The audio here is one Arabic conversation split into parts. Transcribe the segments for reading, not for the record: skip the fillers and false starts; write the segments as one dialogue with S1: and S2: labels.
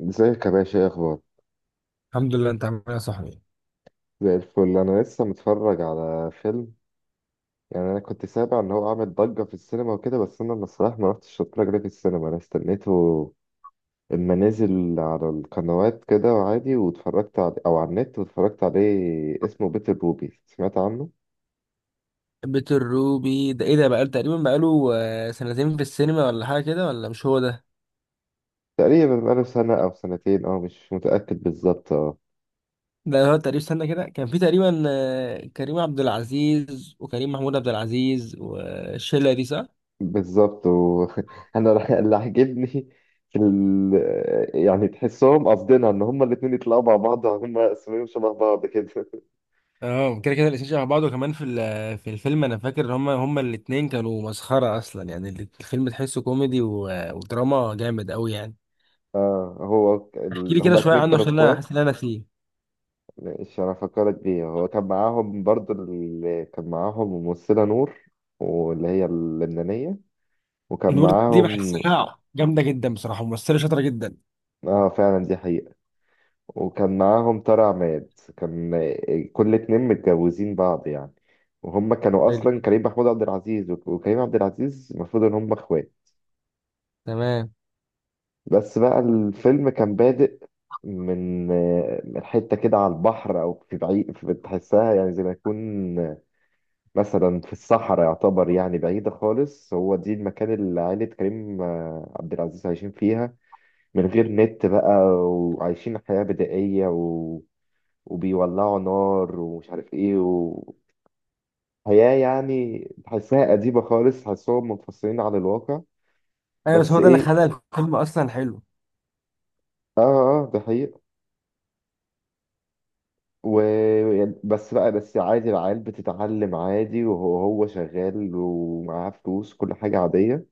S1: ازيك يا باشا؟ ايه اخبار؟
S2: الحمد لله. انت عامل ايه يا صاحبي؟
S1: زي الفل. انا لسه متفرج على فيلم. يعني انا كنت سامع ان هو عامل ضجه في السينما وكده، بس انا الصراحه ما رحتش اتفرج عليه في السينما. انا استنيته اما نزل على القنوات كده وعادي واتفرجت عليه، او على النت واتفرجت عليه. اسمه بيت الروبي، سمعت عنه؟
S2: بيت الروبي ده ايه؟ ده بقاله تقريبا بقاله آه، سنتين في السينما ولا حاجه كده، ولا مش هو ده؟
S1: تقريبا بقاله سنه او سنتين، او مش متاكد بالظبط اه،
S2: ده هو تقريبا. استنى كده، كان في تقريبا كريم عبد العزيز وكريم محمود عبد العزيز والشله دي، صح؟
S1: بالظبط و... اللي عاجبني في ال... يعني تحسهم، قصدنا ان هما الاتنين يطلعوا مع بعض. هما اسمهم شبه بعض كده.
S2: اه، كده كده الاتنين شبه بعض. وكمان في الفيلم انا فاكر ان هما الاتنين كانوا مسخره اصلا. يعني الفيلم تحسه كوميدي ودراما جامد قوي يعني. احكي لي كده
S1: هما
S2: شويه
S1: الاتنين
S2: عنه
S1: كانوا
S2: عشان انا
S1: اخوات.
S2: حاسس ان انا فيه.
S1: ماشي. انا فكرت بيه. هو كان معاهم برضه. اللي كان معاهم ممثلة نور، واللي هي اللبنانية. وكان
S2: نور دي
S1: معاهم.
S2: بحسها جامده جدا بصراحه، ممثله شاطره جدا.
S1: اه، فعلا دي حقيقة. وكان معاهم طارق عماد. كان كل اتنين متجوزين بعض يعني. وهم كانوا
S2: حلو.
S1: اصلا كريم محمود عبد العزيز وكريم عبد العزيز، المفروض ان هم اخوات.
S2: تمام.
S1: بس بقى الفيلم كان بادئ من من حته كده، على البحر او في بعيد. في بتحسها يعني زي ما يكون مثلا في الصحراء. يعتبر يعني بعيده خالص. هو دي المكان اللي عائله كريم عبد العزيز عايشين فيها، من غير نت بقى. وعايشين حياه بدائيه وبيولعوا نار ومش عارف ايه. وحياة يعني تحسها أديبة خالص، تحسهم منفصلين عن الواقع.
S2: ايوه، بس هو
S1: بس
S2: ده اللي
S1: ايه؟
S2: خلى الفيلم اصلا حلو.
S1: اه، اه، اه، ده حقيقة. و... بس بقى عادي، العيال بتتعلم عادي. وهو شغال ومعاه فلوس، كل حاجة عادية.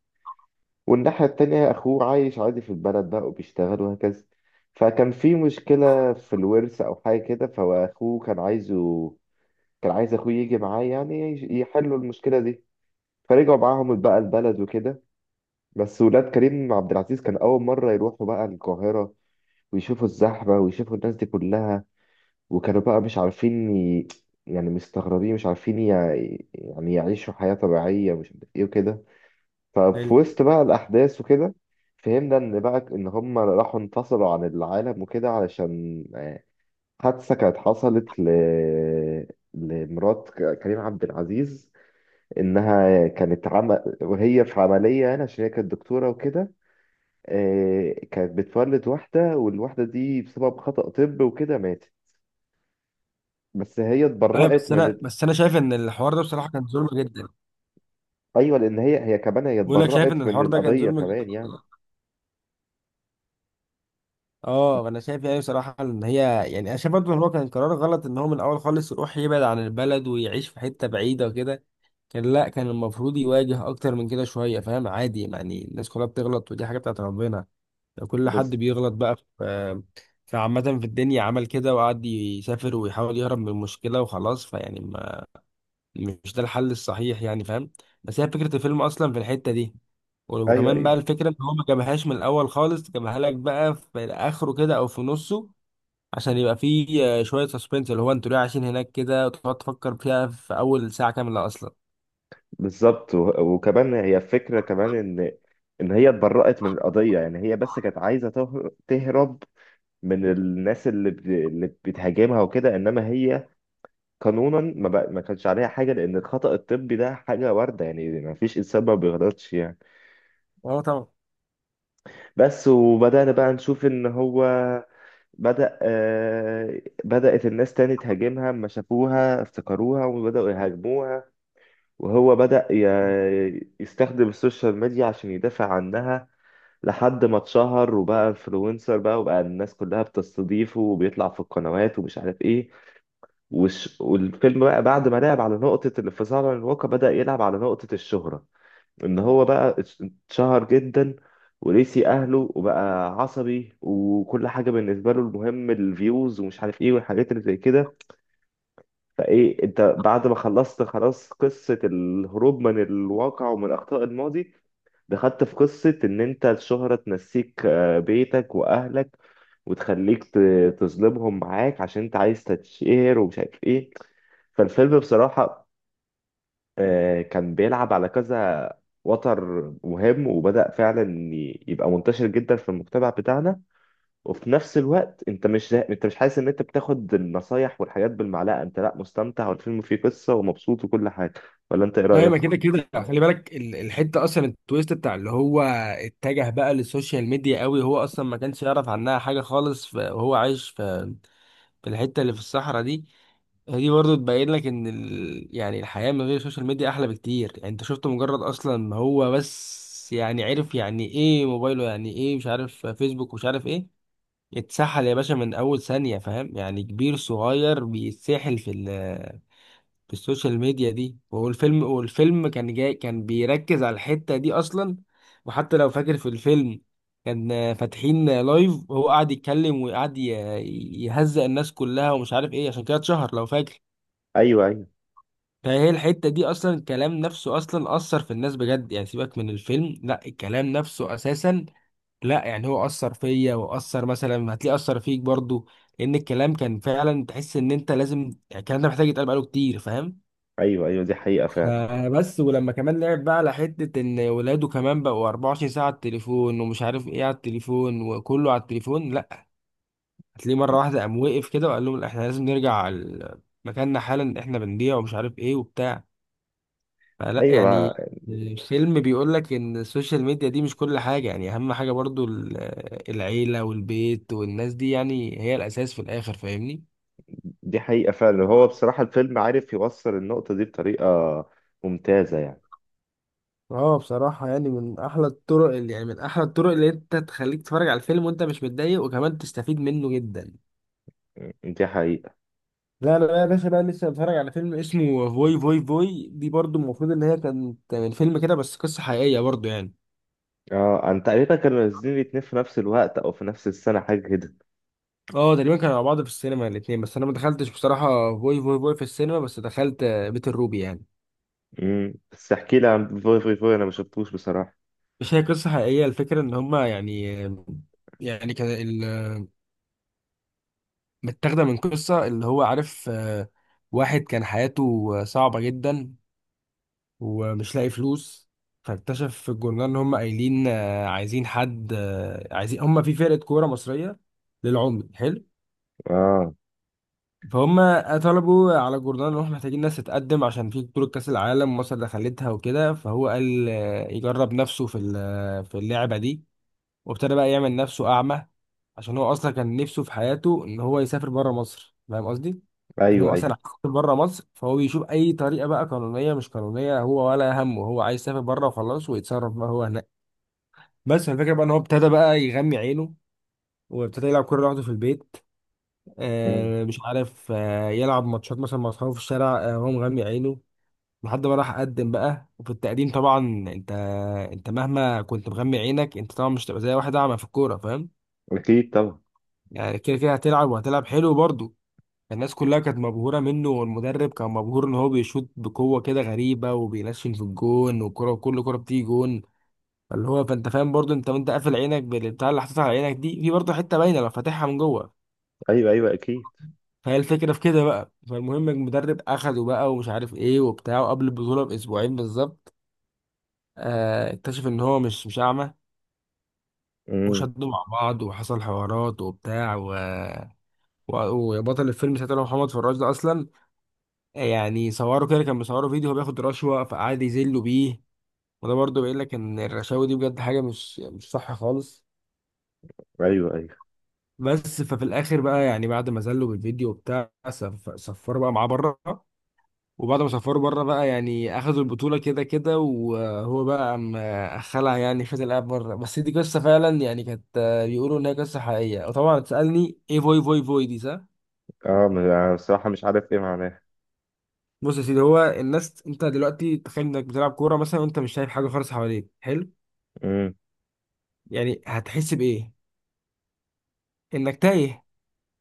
S1: والناحية التانية أخوه عايش عادي في البلد بقى وبيشتغل وهكذا. فكان في مشكلة في الورث أو حاجة كده. فأخوه كان عايز أخوه يجي معاه، يعني يحلوا المشكلة دي. فرجعوا معاهم بقى البلد وكده. بس ولاد كريم عبد العزيز كان أول مرة يروحوا بقى القاهرة ويشوفوا الزحمة ويشوفوا الناس دي كلها. وكانوا بقى مش عارفين يعني مستغربين، مش عارفين يعني يعيشوا حياة طبيعية، مش عارف إيه وكده.
S2: حلو.
S1: ففي وسط بقى الأحداث وكده، فهمنا إن بقى إن هم راحوا انفصلوا عن العالم وكده، علشان حادثة كانت حصلت لمرات كريم عبد العزيز. إنها كانت وهي في عملية، يعني عشان هي كانت دكتورة وكده. كانت بتولد واحدة، والواحدة دي بسبب خطأ طب وكده ماتت. بس هي
S2: ايوه،
S1: اتبرأت
S2: بس
S1: من
S2: انا
S1: ال...
S2: بس انا شايف ان الحوار ده بصراحه كان ظلم جدا.
S1: أيوة، لأن هي كمان هي
S2: بقول لك شايف ان
S1: اتبرأت من
S2: الحوار ده كان
S1: القضية
S2: ظلم جدا.
S1: كمان يعني.
S2: اه انا شايف، يعني بصراحه ان هي، يعني انا شايف برضه ان هو كان قرار غلط، ان هو من الاول خالص يروح يبعد عن البلد ويعيش في حته بعيده وكده. كان لا كان المفروض يواجه اكتر من كده شويه، فاهم؟ عادي يعني، الناس كلها بتغلط ودي حاجه بتاعت ربنا. كل
S1: بس،
S2: حد بيغلط بقى في عامه في الدنيا. عمل كده وقعد يسافر ويحاول يهرب من المشكله وخلاص، فيعني مش ده الحل الصحيح يعني، فاهم؟ بس هي فكرة الفيلم أصلا في الحتة دي.
S1: أيوة،
S2: وكمان بقى
S1: أيوة،
S2: الفكرة إن هو ما جابهاش من الأول خالص، جابها لك بقى في آخره كده أو في نصه عشان يبقى فيه شوية سسبنس، اللي هو أنتوا ليه عايشين هناك كده، وتقعد تفكر فيها في أول ساعة كاملة أصلا.
S1: بالظبط. وكمان هي فكرة كمان إن هي اتبرأت من القضية، يعني هي بس كانت عايزة تهرب من الناس اللي اللي بتهاجمها وكده. إنما هي قانونا ما كانش عليها حاجة، لأن الخطأ الطبي ده حاجة واردة. يعني ما فيش إنسان ما بيغلطش يعني.
S2: أه طبعا.
S1: بس، وبدأنا بقى نشوف إن هو بدأت الناس تاني تهاجمها، أما شافوها افتكروها وبدأوا يهاجموها. وهو بدأ يستخدم السوشيال ميديا عشان يدافع عنها، لحد ما اتشهر وبقى انفلونسر، بقى وبقى الناس كلها بتستضيفه وبيطلع في القنوات ومش عارف ايه. والفيلم بقى، بعد ما لعب على نقطة الانفصال عن الواقع، بدأ يلعب على نقطة الشهرة، ان هو بقى اتشهر جدا ونسي اهله وبقى عصبي، وكل حاجه بالنسبه له المهم الفيوز ومش عارف ايه والحاجات اللي زي كده. فايه، انت بعد ما خلصت خلاص قصه الهروب من الواقع ومن اخطاء الماضي، دخلت في قصه ان انت الشهره تنسيك بيتك واهلك، وتخليك تظلمهم معاك عشان انت عايز تتشهر ومش عارف ايه. فالفيلم بصراحه، كان بيلعب على كذا وتر مهم، وبدأ فعلا يبقى منتشر جدا في المجتمع بتاعنا. وفي نفس الوقت انت مش حاسس ان انت بتاخد النصايح والحاجات بالمعلقة. انت لا، مستمتع والفيلم فيه قصة ومبسوط وكل حاجة، ولا انت ايه
S2: ايوه، ما
S1: رأيك؟
S2: كده كده خلي بالك الحته اصلا، التويست بتاع اللي هو اتجه بقى للسوشيال ميديا قوي. هو اصلا ما كانش يعرف عنها حاجه خالص، وهو عايش في الحته اللي في الصحراء دي. دي برضه تبين لك ان يعني الحياة من غير السوشيال ميديا احلى بكتير يعني. انت شفت مجرد اصلا ما هو بس يعني عرف يعني ايه موبايله، يعني ايه مش عارف فيسبوك ومش عارف ايه. اتسحل يا باشا من اول ثانية، فاهم يعني؟ كبير صغير بيتسحل في السوشيال ميديا دي. والفيلم كان جاي، كان بيركز على الحتة دي اصلا. وحتى لو فاكر في الفيلم، كان فاتحين لايف وهو قاعد يتكلم وقاعد يهزأ الناس كلها ومش عارف ايه، عشان كده اتشهر لو فاكر.
S1: ايوه، ايوه،
S2: فهي الحتة دي أصلا، الكلام نفسه أصلا أثر في الناس بجد يعني. سيبك من الفيلم، لا الكلام نفسه أساسا. لا يعني، هو أثر فيا وأثر، مثلا هتلاقيه أثر فيك برضو. لأن الكلام كان فعلا تحس إن أنت لازم، يعني الكلام ده محتاج يتقال بقاله كتير، فاهم؟
S1: ايوه، ايوه، دي حقيقة فعلا.
S2: فبس، ولما كمان لعب بقى على حتة إن ولاده كمان بقوا 24 ساعة على التليفون ومش عارف إيه، على التليفون وكله على التليفون. لا، هتلاقيه مرة واحدة قام وقف كده وقال لهم لأ، إحنا لازم نرجع على مكاننا حالا، إحنا بنضيع ومش عارف إيه وبتاع. فلا
S1: ايوه،
S2: يعني الفيلم بيقول لك ان السوشيال ميديا دي مش كل حاجة يعني. اهم حاجة برضو العيلة والبيت والناس دي يعني، هي الاساس في الاخر، فاهمني؟
S1: دي حقيقة فعلا. هو بصراحة الفيلم عارف يوصل النقطة دي بطريقة ممتازة يعني.
S2: اه بصراحة يعني، من أحلى الطرق اللي، يعني من أحلى الطرق اللي أنت تخليك تتفرج على الفيلم وأنت مش متضايق وكمان تستفيد منه جدا.
S1: دي حقيقة.
S2: لا لا لا يا باشا، بقى لسه بتفرج على فيلم اسمه فوي فوي فوي. دي برضو المفروض ان هي كانت من فيلم كده، بس قصة حقيقية برضو يعني.
S1: اه، انا تقريبا كانوا نازلين الاتنين في نفس الوقت او في نفس السنة، حاجة كده.
S2: اه تقريبا كانوا مع بعض في السينما الاتنين، بس انا ما دخلتش بصراحة فوي فوي فوي في السينما، بس دخلت بيت الروبي يعني.
S1: بس احكي لي عن فوي فوي فوي، انا ما شفتوش بصراحة.
S2: مش هي قصة حقيقية؟ الفكرة إن هما يعني، يعني متاخدة من قصة اللي هو عارف واحد كان حياته صعبة جدا ومش لاقي فلوس. فاكتشف في الجورنال إن هما قايلين عايزين حد، عايزين هما في فرقة كورة مصرية للعمي. حلو.
S1: اه،
S2: فهم طلبوا على الجورنال إن إحنا محتاجين ناس تتقدم، عشان في بطولة كأس العالم مصر دخلتها وكده. فهو قال يجرب نفسه في اللعبة دي. وابتدى بقى يعمل نفسه أعمى، عشان هو أصلا كان نفسه في حياته إن هو يسافر بره مصر، فاهم قصدي؟ إن
S1: ايوه،
S2: هو أصلا
S1: ايوه.
S2: عايز يسافر بره مصر. فهو بيشوف أي طريقة بقى، قانونية مش قانونية هو ولا همه، هو عايز يسافر بره وخلاص ويتصرف بقى هو هناك. بس الفكرة بقى إن هو ابتدى بقى يغمي عينه، وابتدى يلعب كورة لوحده في البيت.
S1: مم.
S2: آه مش عارف، آه يلعب ماتشات مثلا مع أصحابه في الشارع آه، وهو مغمي عينه. لحد ما راح قدم بقى، وفي التقديم طبعا انت، انت مهما كنت مغمي عينك، انت طبعا مش هتبقى زي واحد اعمى في الكوره، فاهم؟
S1: اكيد طبعا.
S2: يعني كده كده هتلعب، وهتلعب حلو برضه. الناس كلها كانت مبهورة منه، والمدرب كان مبهور ان هو بيشوط بقوة كده غريبة، وبينشن في الجون، والكرة كل كرة بتيجي جون. فاللي هو، فانت فاهم برضه، انت وانت قافل عينك بالبتاع اللي حاططها على عينك دي، في برضه حتة باينة لو فاتحها من جوه.
S1: ايوه، ايوه، اكيد.
S2: فهي الفكرة في كده بقى. فالمهم المدرب اخده بقى ومش عارف ايه وبتاع، وقبل البطولة باسبوعين بالظبط آه اكتشف ان هو مش اعمى.
S1: مم.
S2: وشدوا مع بعض وحصل حوارات وبتاع و... وبطل الفيلم ساعتها اللي هو محمد فراج ده اصلا، يعني صوروا كده، كان بيصوروا فيديو هو بياخد رشوة، فقعد يذلوا بيه. وده برضه بيقول لك ان الرشاوي دي بجد حاجة مش صح خالص.
S1: ايوه، ايوه،
S2: بس ففي الاخر بقى يعني بعد ما ذلوا بالفيديو وبتاع سفروا بقى معاه بره. وبعد ما سفروا بره بقى يعني اخدوا البطولة كده كده، وهو بقى قام خلع، يعني خد الاب بره. بس دي قصة فعلا يعني كانت، بيقولوا ان هي قصة حقيقية. وطبعا تسألني ايه فوي فوي فوي دي، صح؟
S1: اه، أنا بصراحة مش عارف ايه معناها.
S2: بص يا سيدي، هو الناس، انت دلوقتي تخيل انك بتلعب كورة مثلا وانت مش شايف حاجة خالص حواليك، حلو.
S1: مم.
S2: يعني هتحس بايه؟ انك تايه.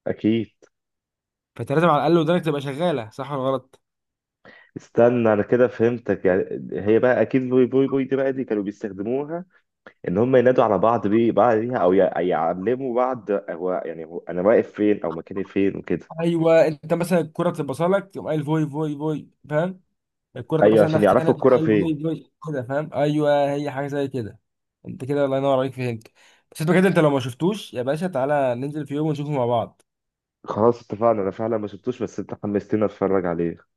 S1: اكيد.
S2: فانت لازم على الاقل ودانك تبقى شغاله، صح ولا غلط؟
S1: استنى انا كده فهمتك يعني. هي بقى اكيد فوي فوي فوي دي، بقى دي كانوا بيستخدموها. ان هم ينادوا على بعض بيه، بعض ليها، او يعلموا بعض هو انا واقف فين او مكاني فين وكده.
S2: ايوه انت مثلا الكره بتبقى لك، تقوم قايل فوي فوي فوي، فاهم؟ الكره ده
S1: ايوه،
S2: مثلا
S1: عشان
S2: ناحيه ثانيه،
S1: يعرفوا
S2: تقوم
S1: الكرة
S2: قايل
S1: فين.
S2: فوي فوي كده، فاهم؟ ايوه هي حاجه زي كده. انت كده الله ينور عليك، فهمت. بس انت كده، انت لو ما شفتوش يا باشا، تعالى ننزل في يوم ونشوفه مع بعض.
S1: خلاص اتفقنا. انا فعلا ما شفتوش، بس انت حمستني اتفرج عليه.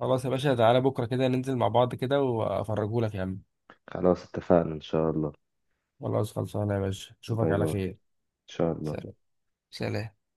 S2: خلاص يا باشا، تعالى بكره كده ننزل مع بعض كده وافرجهولك يا عم.
S1: خلاص اتفقنا إن شاء الله.
S2: خلاص خلصانه يا باشا، اشوفك
S1: باي
S2: على
S1: باي
S2: خير.
S1: إن شاء الله.
S2: سلام. سلام.